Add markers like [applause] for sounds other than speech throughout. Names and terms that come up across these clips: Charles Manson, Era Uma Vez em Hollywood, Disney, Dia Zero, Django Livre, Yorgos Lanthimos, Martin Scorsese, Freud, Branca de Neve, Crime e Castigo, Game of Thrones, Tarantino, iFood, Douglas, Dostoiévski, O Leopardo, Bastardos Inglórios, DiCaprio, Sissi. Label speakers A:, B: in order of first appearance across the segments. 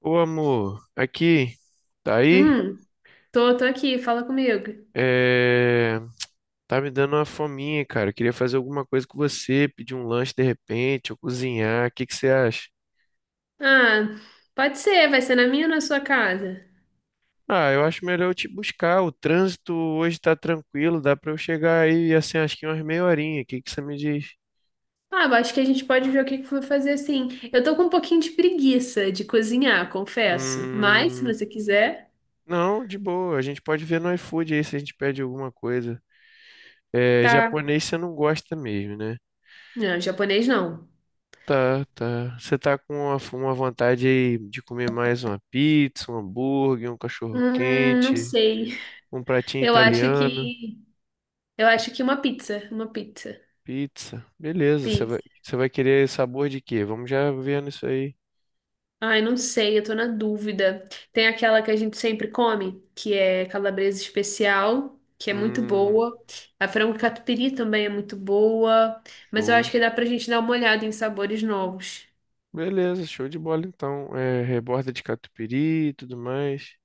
A: Ô amor, aqui, tá aí?
B: Hum, tô aqui, fala comigo.
A: É, Tá me dando uma fominha, cara. Eu queria fazer alguma coisa com você, pedir um lanche de repente, ou cozinhar. O que que você acha?
B: Ah, pode ser, vai ser na minha ou na sua casa?
A: Ah, eu acho melhor eu te buscar. O trânsito hoje tá tranquilo, dá pra eu chegar aí, assim, acho que umas meia horinha. O que que você me diz?
B: Ah, eu acho que a gente pode ver o que que for fazer assim. Eu tô com um pouquinho de preguiça de cozinhar, confesso. Mas, se
A: Hum...
B: você quiser,
A: Não, de boa. A gente pode ver no iFood aí se a gente pede alguma coisa. É,
B: tá.
A: japonês você não gosta mesmo, né?
B: Não, japonês não.
A: Tá, tá. Você tá com uma vontade aí de comer mais uma pizza, um hambúrguer, um cachorro
B: Não
A: quente,
B: sei.
A: um pratinho
B: Eu acho
A: italiano,
B: que. Eu acho que uma pizza. Uma pizza.
A: pizza. Beleza, você vai querer sabor de quê? Vamos já vendo isso aí.
B: Ai, não sei, eu tô na dúvida. Tem aquela que a gente sempre come, que é calabresa especial, que é muito
A: Hum,
B: boa. A frango catupiry também é muito boa, mas eu acho
A: show.
B: que dá pra gente dar uma olhada em sabores novos.
A: Beleza, show de bola então. É, reborda de catupiry e tudo mais.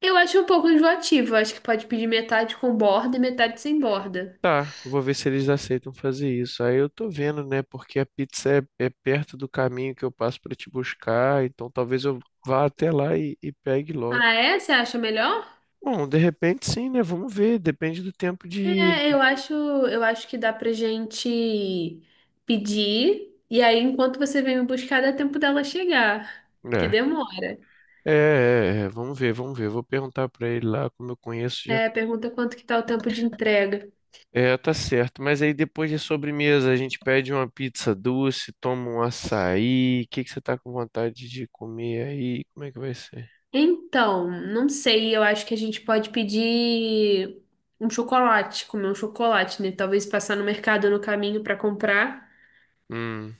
B: Eu acho um pouco enjoativo, eu acho que pode pedir metade com borda e metade sem borda.
A: Tá, eu vou ver se eles aceitam fazer isso. Aí eu tô vendo, né? Porque a pizza é perto do caminho que eu passo pra te buscar, então talvez eu vá até lá e pegue logo.
B: Ah, é? Você acha melhor?
A: Bom, de repente sim, né? Vamos ver, depende do tempo de.
B: É, eu acho que dá pra gente pedir, e aí enquanto você vem me buscar, dá tempo dela chegar, que
A: É,
B: demora.
A: vamos ver, vamos ver. Vou perguntar pra ele lá, como eu conheço já.
B: É, pergunta quanto que tá o tempo de entrega.
A: É, tá certo. Mas aí depois de sobremesa, a gente pede uma pizza doce, toma um açaí. O que que você tá com vontade de comer aí? Como é que vai ser?
B: Então, não sei, eu acho que a gente pode pedir um chocolate, comer um chocolate, né? Talvez passar no mercado no caminho para comprar.
A: Hum,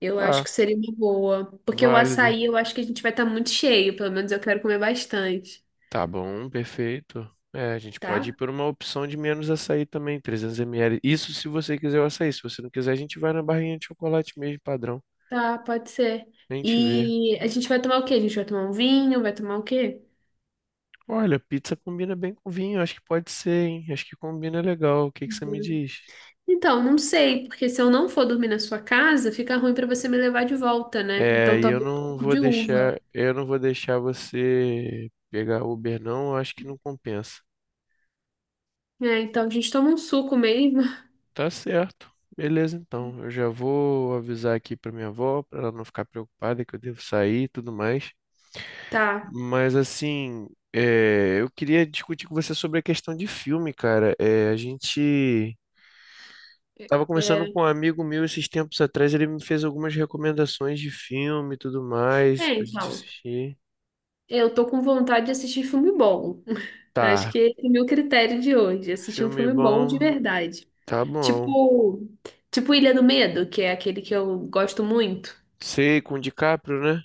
B: Eu acho
A: tá,
B: que seria uma boa. Porque o
A: válido.
B: açaí eu acho que a gente vai estar muito cheio, pelo menos eu quero comer bastante,
A: Tá bom, perfeito. É, a gente pode ir
B: tá?
A: por uma opção de menos açaí também, 300 ml. Isso se você quiser o açaí. Se você não quiser, a gente vai na barrinha de chocolate mesmo, padrão.
B: Tá, pode ser.
A: Nem te vê.
B: E a gente vai tomar o quê? A gente vai tomar um vinho, vai tomar o quê?
A: Olha, pizza combina bem com vinho, acho que pode ser, hein? Acho que combina legal. O que que você me diz?
B: Então, não sei, porque se eu não for dormir na sua casa, fica ruim para você me levar de volta, né?
A: É,
B: Então,
A: e eu
B: talvez um
A: não
B: pouco
A: vou
B: de uva.
A: deixar, eu não vou deixar você pegar Uber, não, eu acho que não compensa.
B: É, então a gente toma um suco mesmo. [laughs]
A: Tá certo. Beleza, então. Eu já vou avisar aqui pra minha avó, pra ela não ficar preocupada que eu devo sair e tudo mais.
B: Tá.
A: Mas assim, é, eu queria discutir com você sobre a questão de filme, cara. É, a gente tava conversando
B: É,
A: com um amigo meu esses tempos atrás, ele me fez algumas recomendações de filme e tudo mais
B: é,
A: pra gente
B: então.
A: assistir.
B: Eu tô com vontade de assistir filme bom. [laughs] Acho
A: Tá,
B: que esse é o meu critério de hoje, assistir um
A: filme
B: filme bom de
A: bom,
B: verdade.
A: tá bom.
B: Tipo, tipo Ilha do Medo, que é aquele que eu gosto muito.
A: Sei, com o DiCaprio, né?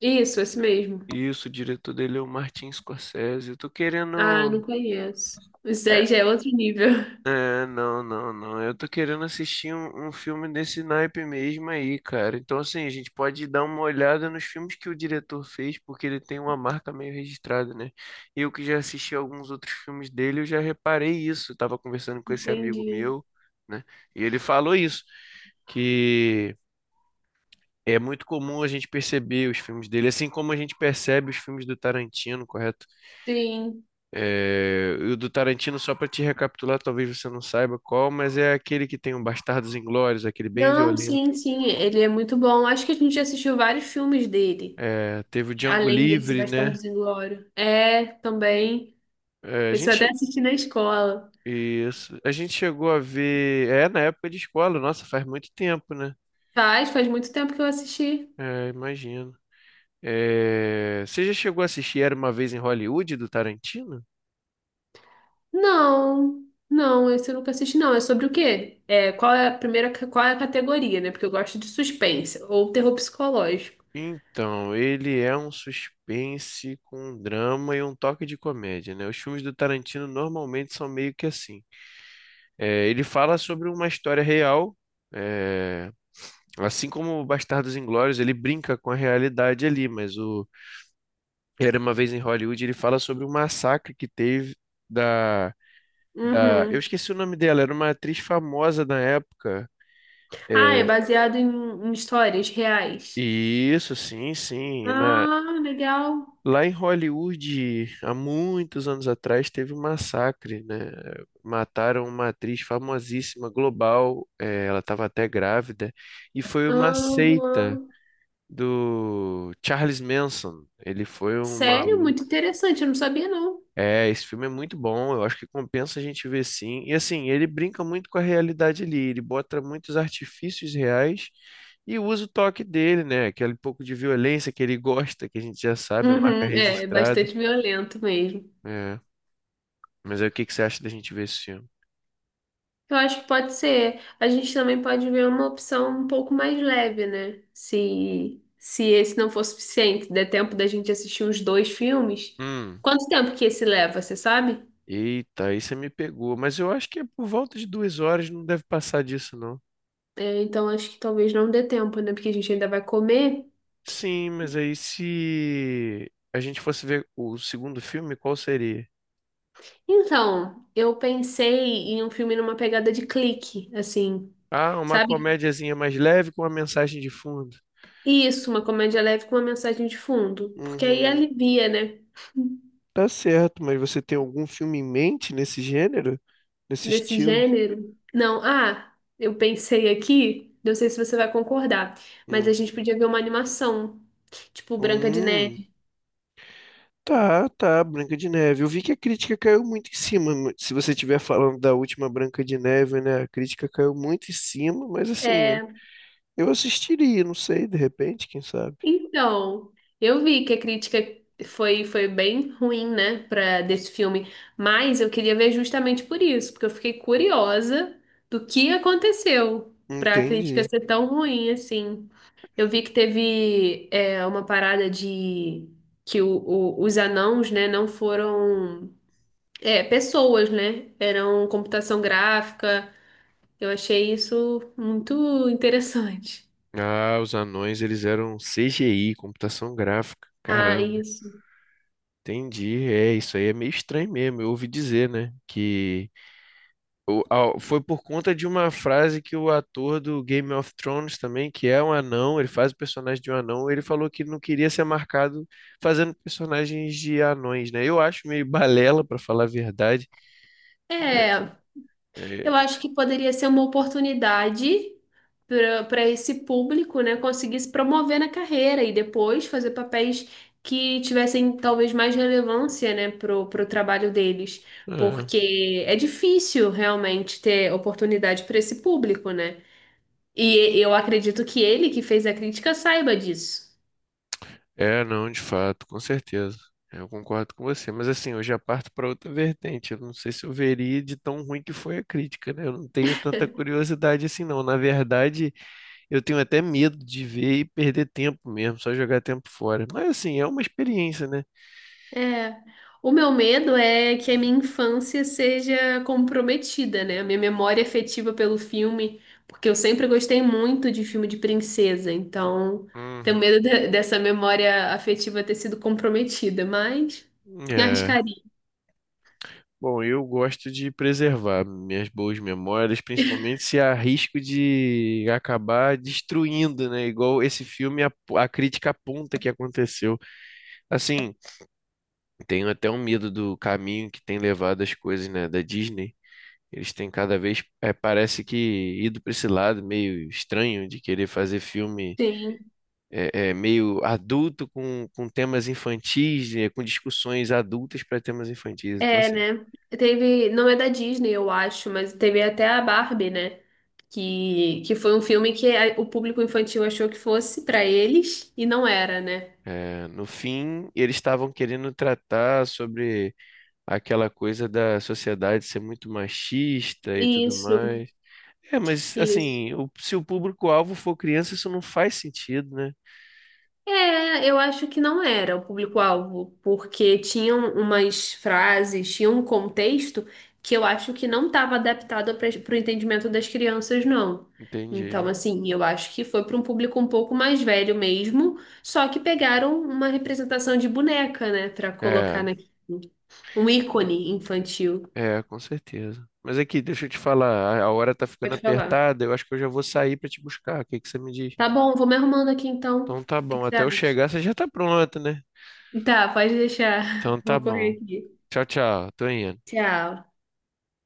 B: Isso, esse mesmo.
A: Isso, o diretor dele é o Martin Scorsese. Eu tô
B: Ah, não
A: querendo.
B: conheço. Isso aí
A: é,
B: já é outro nível.
A: É, não. Eu tô querendo assistir um filme desse naipe mesmo aí, cara. Então, assim, a gente pode dar uma olhada nos filmes que o diretor fez, porque ele tem uma marca meio registrada, né? Eu que já assisti alguns outros filmes dele, eu já reparei isso. Eu tava conversando
B: [laughs]
A: com esse amigo
B: Entendi.
A: meu, né? E ele falou isso, que é muito comum a gente perceber os filmes dele, assim como a gente percebe os filmes do Tarantino, correto?
B: Sim.
A: É, e o do Tarantino, só para te recapitular, talvez você não saiba qual, mas é aquele que tem o Bastardos Inglórios, aquele bem
B: Não,
A: violento.
B: sim, sim, ele é muito bom. Acho que a gente já assistiu vários filmes dele,
A: É, teve o Django
B: além desse
A: Livre, né?
B: Bastardos Inglórios. É, também.
A: É, a
B: Esse eu até
A: gente,
B: assisti na escola.
A: isso, a gente chegou a ver. É, na época de escola, nossa, faz muito tempo, né?
B: Faz muito tempo que eu assisti.
A: É, imagino. É, você já chegou a assistir Era Uma Vez em Hollywood do Tarantino?
B: Não, não, esse eu nunca assisti, não. É sobre o quê? É, qual é a primeira, qual é a categoria, né? Porque eu gosto de suspense ou terror psicológico.
A: Então, ele é um suspense com um drama e um toque de comédia, né? Os filmes do Tarantino normalmente são meio que assim. É, ele fala sobre uma história real, é, assim como o Bastardos Inglórios, ele brinca com a realidade ali, mas o Era uma vez em Hollywood, ele fala sobre um massacre que teve da, da- eu
B: Uhum.
A: esqueci o nome dela, era uma atriz famosa na época.
B: Ah, é
A: É,
B: baseado em histórias reais.
A: isso, sim, na
B: Ah, legal.
A: Lá em Hollywood, há muitos anos atrás, teve um massacre, né? Mataram uma atriz famosíssima, global, é, ela estava até grávida, e foi uma
B: Aham.
A: seita do Charles Manson. Ele foi um
B: Sério,
A: maluco.
B: muito interessante, eu não sabia, não.
A: É, esse filme é muito bom, eu acho que compensa a gente ver sim. E assim, ele brinca muito com a realidade ali, ele bota muitos artifícios reais e usa o toque dele, né? Aquele pouco de violência que ele gosta, que a gente já sabe, é marca
B: Uhum, é, é
A: registrada.
B: bastante violento mesmo.
A: É. Mas aí o que que você acha da gente ver esse filme?
B: Eu acho que pode ser. A gente também pode ver uma opção um pouco mais leve, né? Se esse não for suficiente, der tempo da gente assistir os dois filmes.
A: Hum,
B: Quanto tempo que esse leva, você sabe?
A: eita, aí você me pegou. Mas eu acho que é por volta de 2 horas, não deve passar disso, não.
B: É, então acho que talvez não dê tempo, né? Porque a gente ainda vai comer.
A: Sim, mas aí se a gente fosse ver o segundo filme, qual seria?
B: Então, eu pensei em um filme numa pegada de clique, assim,
A: Ah, uma
B: sabe?
A: comédiazinha mais leve com uma mensagem de fundo.
B: Isso, uma comédia leve com uma mensagem de fundo. Porque aí
A: Uhum.
B: alivia, né?
A: Tá certo, mas você tem algum filme em mente nesse gênero? Nesse
B: Desse
A: estilo?
B: gênero? Não, ah, eu pensei aqui, não sei se você vai concordar, mas a
A: Hum.
B: gente podia ver uma animação, tipo Branca de
A: Hum.
B: Neve.
A: Tá, tá, Branca de Neve. Eu vi que a crítica caiu muito em cima. Se você estiver falando da última Branca de Neve, né? A crítica caiu muito em cima, mas assim,
B: É,
A: eu assistiria, não sei, de repente, quem sabe?
B: então, eu vi que a crítica foi bem ruim, né, para desse filme, mas eu queria ver justamente por isso, porque eu fiquei curiosa do que aconteceu para a crítica
A: Entendi.
B: ser tão ruim assim. Eu vi que teve é, uma parada de que os anãos, né, não foram é, pessoas, né? Eram computação gráfica. Eu achei isso muito interessante. [laughs]
A: Ah, os anões, eles eram CGI, computação gráfica.
B: Ah,
A: Caramba,
B: isso.
A: entendi. É, isso aí é meio estranho mesmo. Eu ouvi dizer, né? Que foi por conta de uma frase que o ator do Game of Thrones também, que é um anão, ele faz o personagem de um anão, ele falou que não queria ser marcado fazendo personagens de anões, né? Eu acho meio balela, pra falar a verdade. Mas,
B: É,
A: é,
B: eu acho que poderia ser uma oportunidade para esse público, né, conseguir se promover na carreira e depois fazer papéis que tivessem talvez mais relevância, né, pro trabalho deles.
A: ah.
B: Porque é difícil realmente ter oportunidade para esse público, né? E eu acredito que ele que fez a crítica saiba disso.
A: É, não, de fato, com certeza. É, eu concordo com você, mas assim, eu já parto para outra vertente. Eu não sei se eu veria de tão ruim que foi a crítica, né? Eu não tenho tanta curiosidade assim, não. Na verdade, eu tenho até medo de ver e perder tempo mesmo, só jogar tempo fora. Mas assim, é uma experiência, né?
B: É, o meu medo é que a minha infância seja comprometida, né? A minha memória afetiva pelo filme, porque eu sempre gostei muito de filme de princesa, então tenho
A: Uhum.
B: medo de- dessa memória afetiva ter sido comprometida, mas me
A: É.
B: arriscaria.
A: Bom, eu gosto de preservar minhas boas memórias, principalmente se há risco de acabar destruindo, né? Igual esse filme, a crítica aponta que aconteceu. Assim, tenho até um medo do caminho que tem levado as coisas, né, da Disney. Eles têm cada vez, é, parece que ido para esse lado meio estranho de querer fazer filme
B: Sim,
A: meio adulto com temas infantis, é, com discussões adultas para temas infantis. Então,
B: é,
A: assim,
B: né? Teve, não é da Disney, eu acho, mas teve até a Barbie, né? Que foi um filme que a- o público infantil achou que fosse pra eles e não era, né?
A: é, no fim, eles estavam querendo tratar sobre aquela coisa da sociedade ser muito machista e tudo
B: Isso,
A: mais. É, mas
B: isso.
A: assim, se o público-alvo for criança, isso não faz sentido, né?
B: É, eu acho que não era o público-alvo, porque tinham umas frases, tinha um contexto que eu acho que não estava adaptado para o entendimento das crianças, não. Então,
A: Entendi.
B: assim, eu acho que foi para um público um pouco mais velho mesmo, só que pegaram uma representação de boneca, né, para colocar
A: É,
B: naquilo. Um ícone infantil.
A: com certeza. Mas aqui, deixa eu te falar, a hora tá ficando
B: Pode falar.
A: apertada, eu acho que eu já vou sair pra te buscar. O que que você me diz?
B: Tá bom, vou me arrumando aqui então.
A: Então
B: O
A: tá
B: que
A: bom,
B: que você
A: até eu
B: acha?
A: chegar você já tá pronto, né?
B: Tá, pode
A: Então
B: deixar. [laughs]
A: tá
B: Vou
A: bom.
B: correr aqui.
A: Tchau, tchau. Tô indo.
B: Tchau.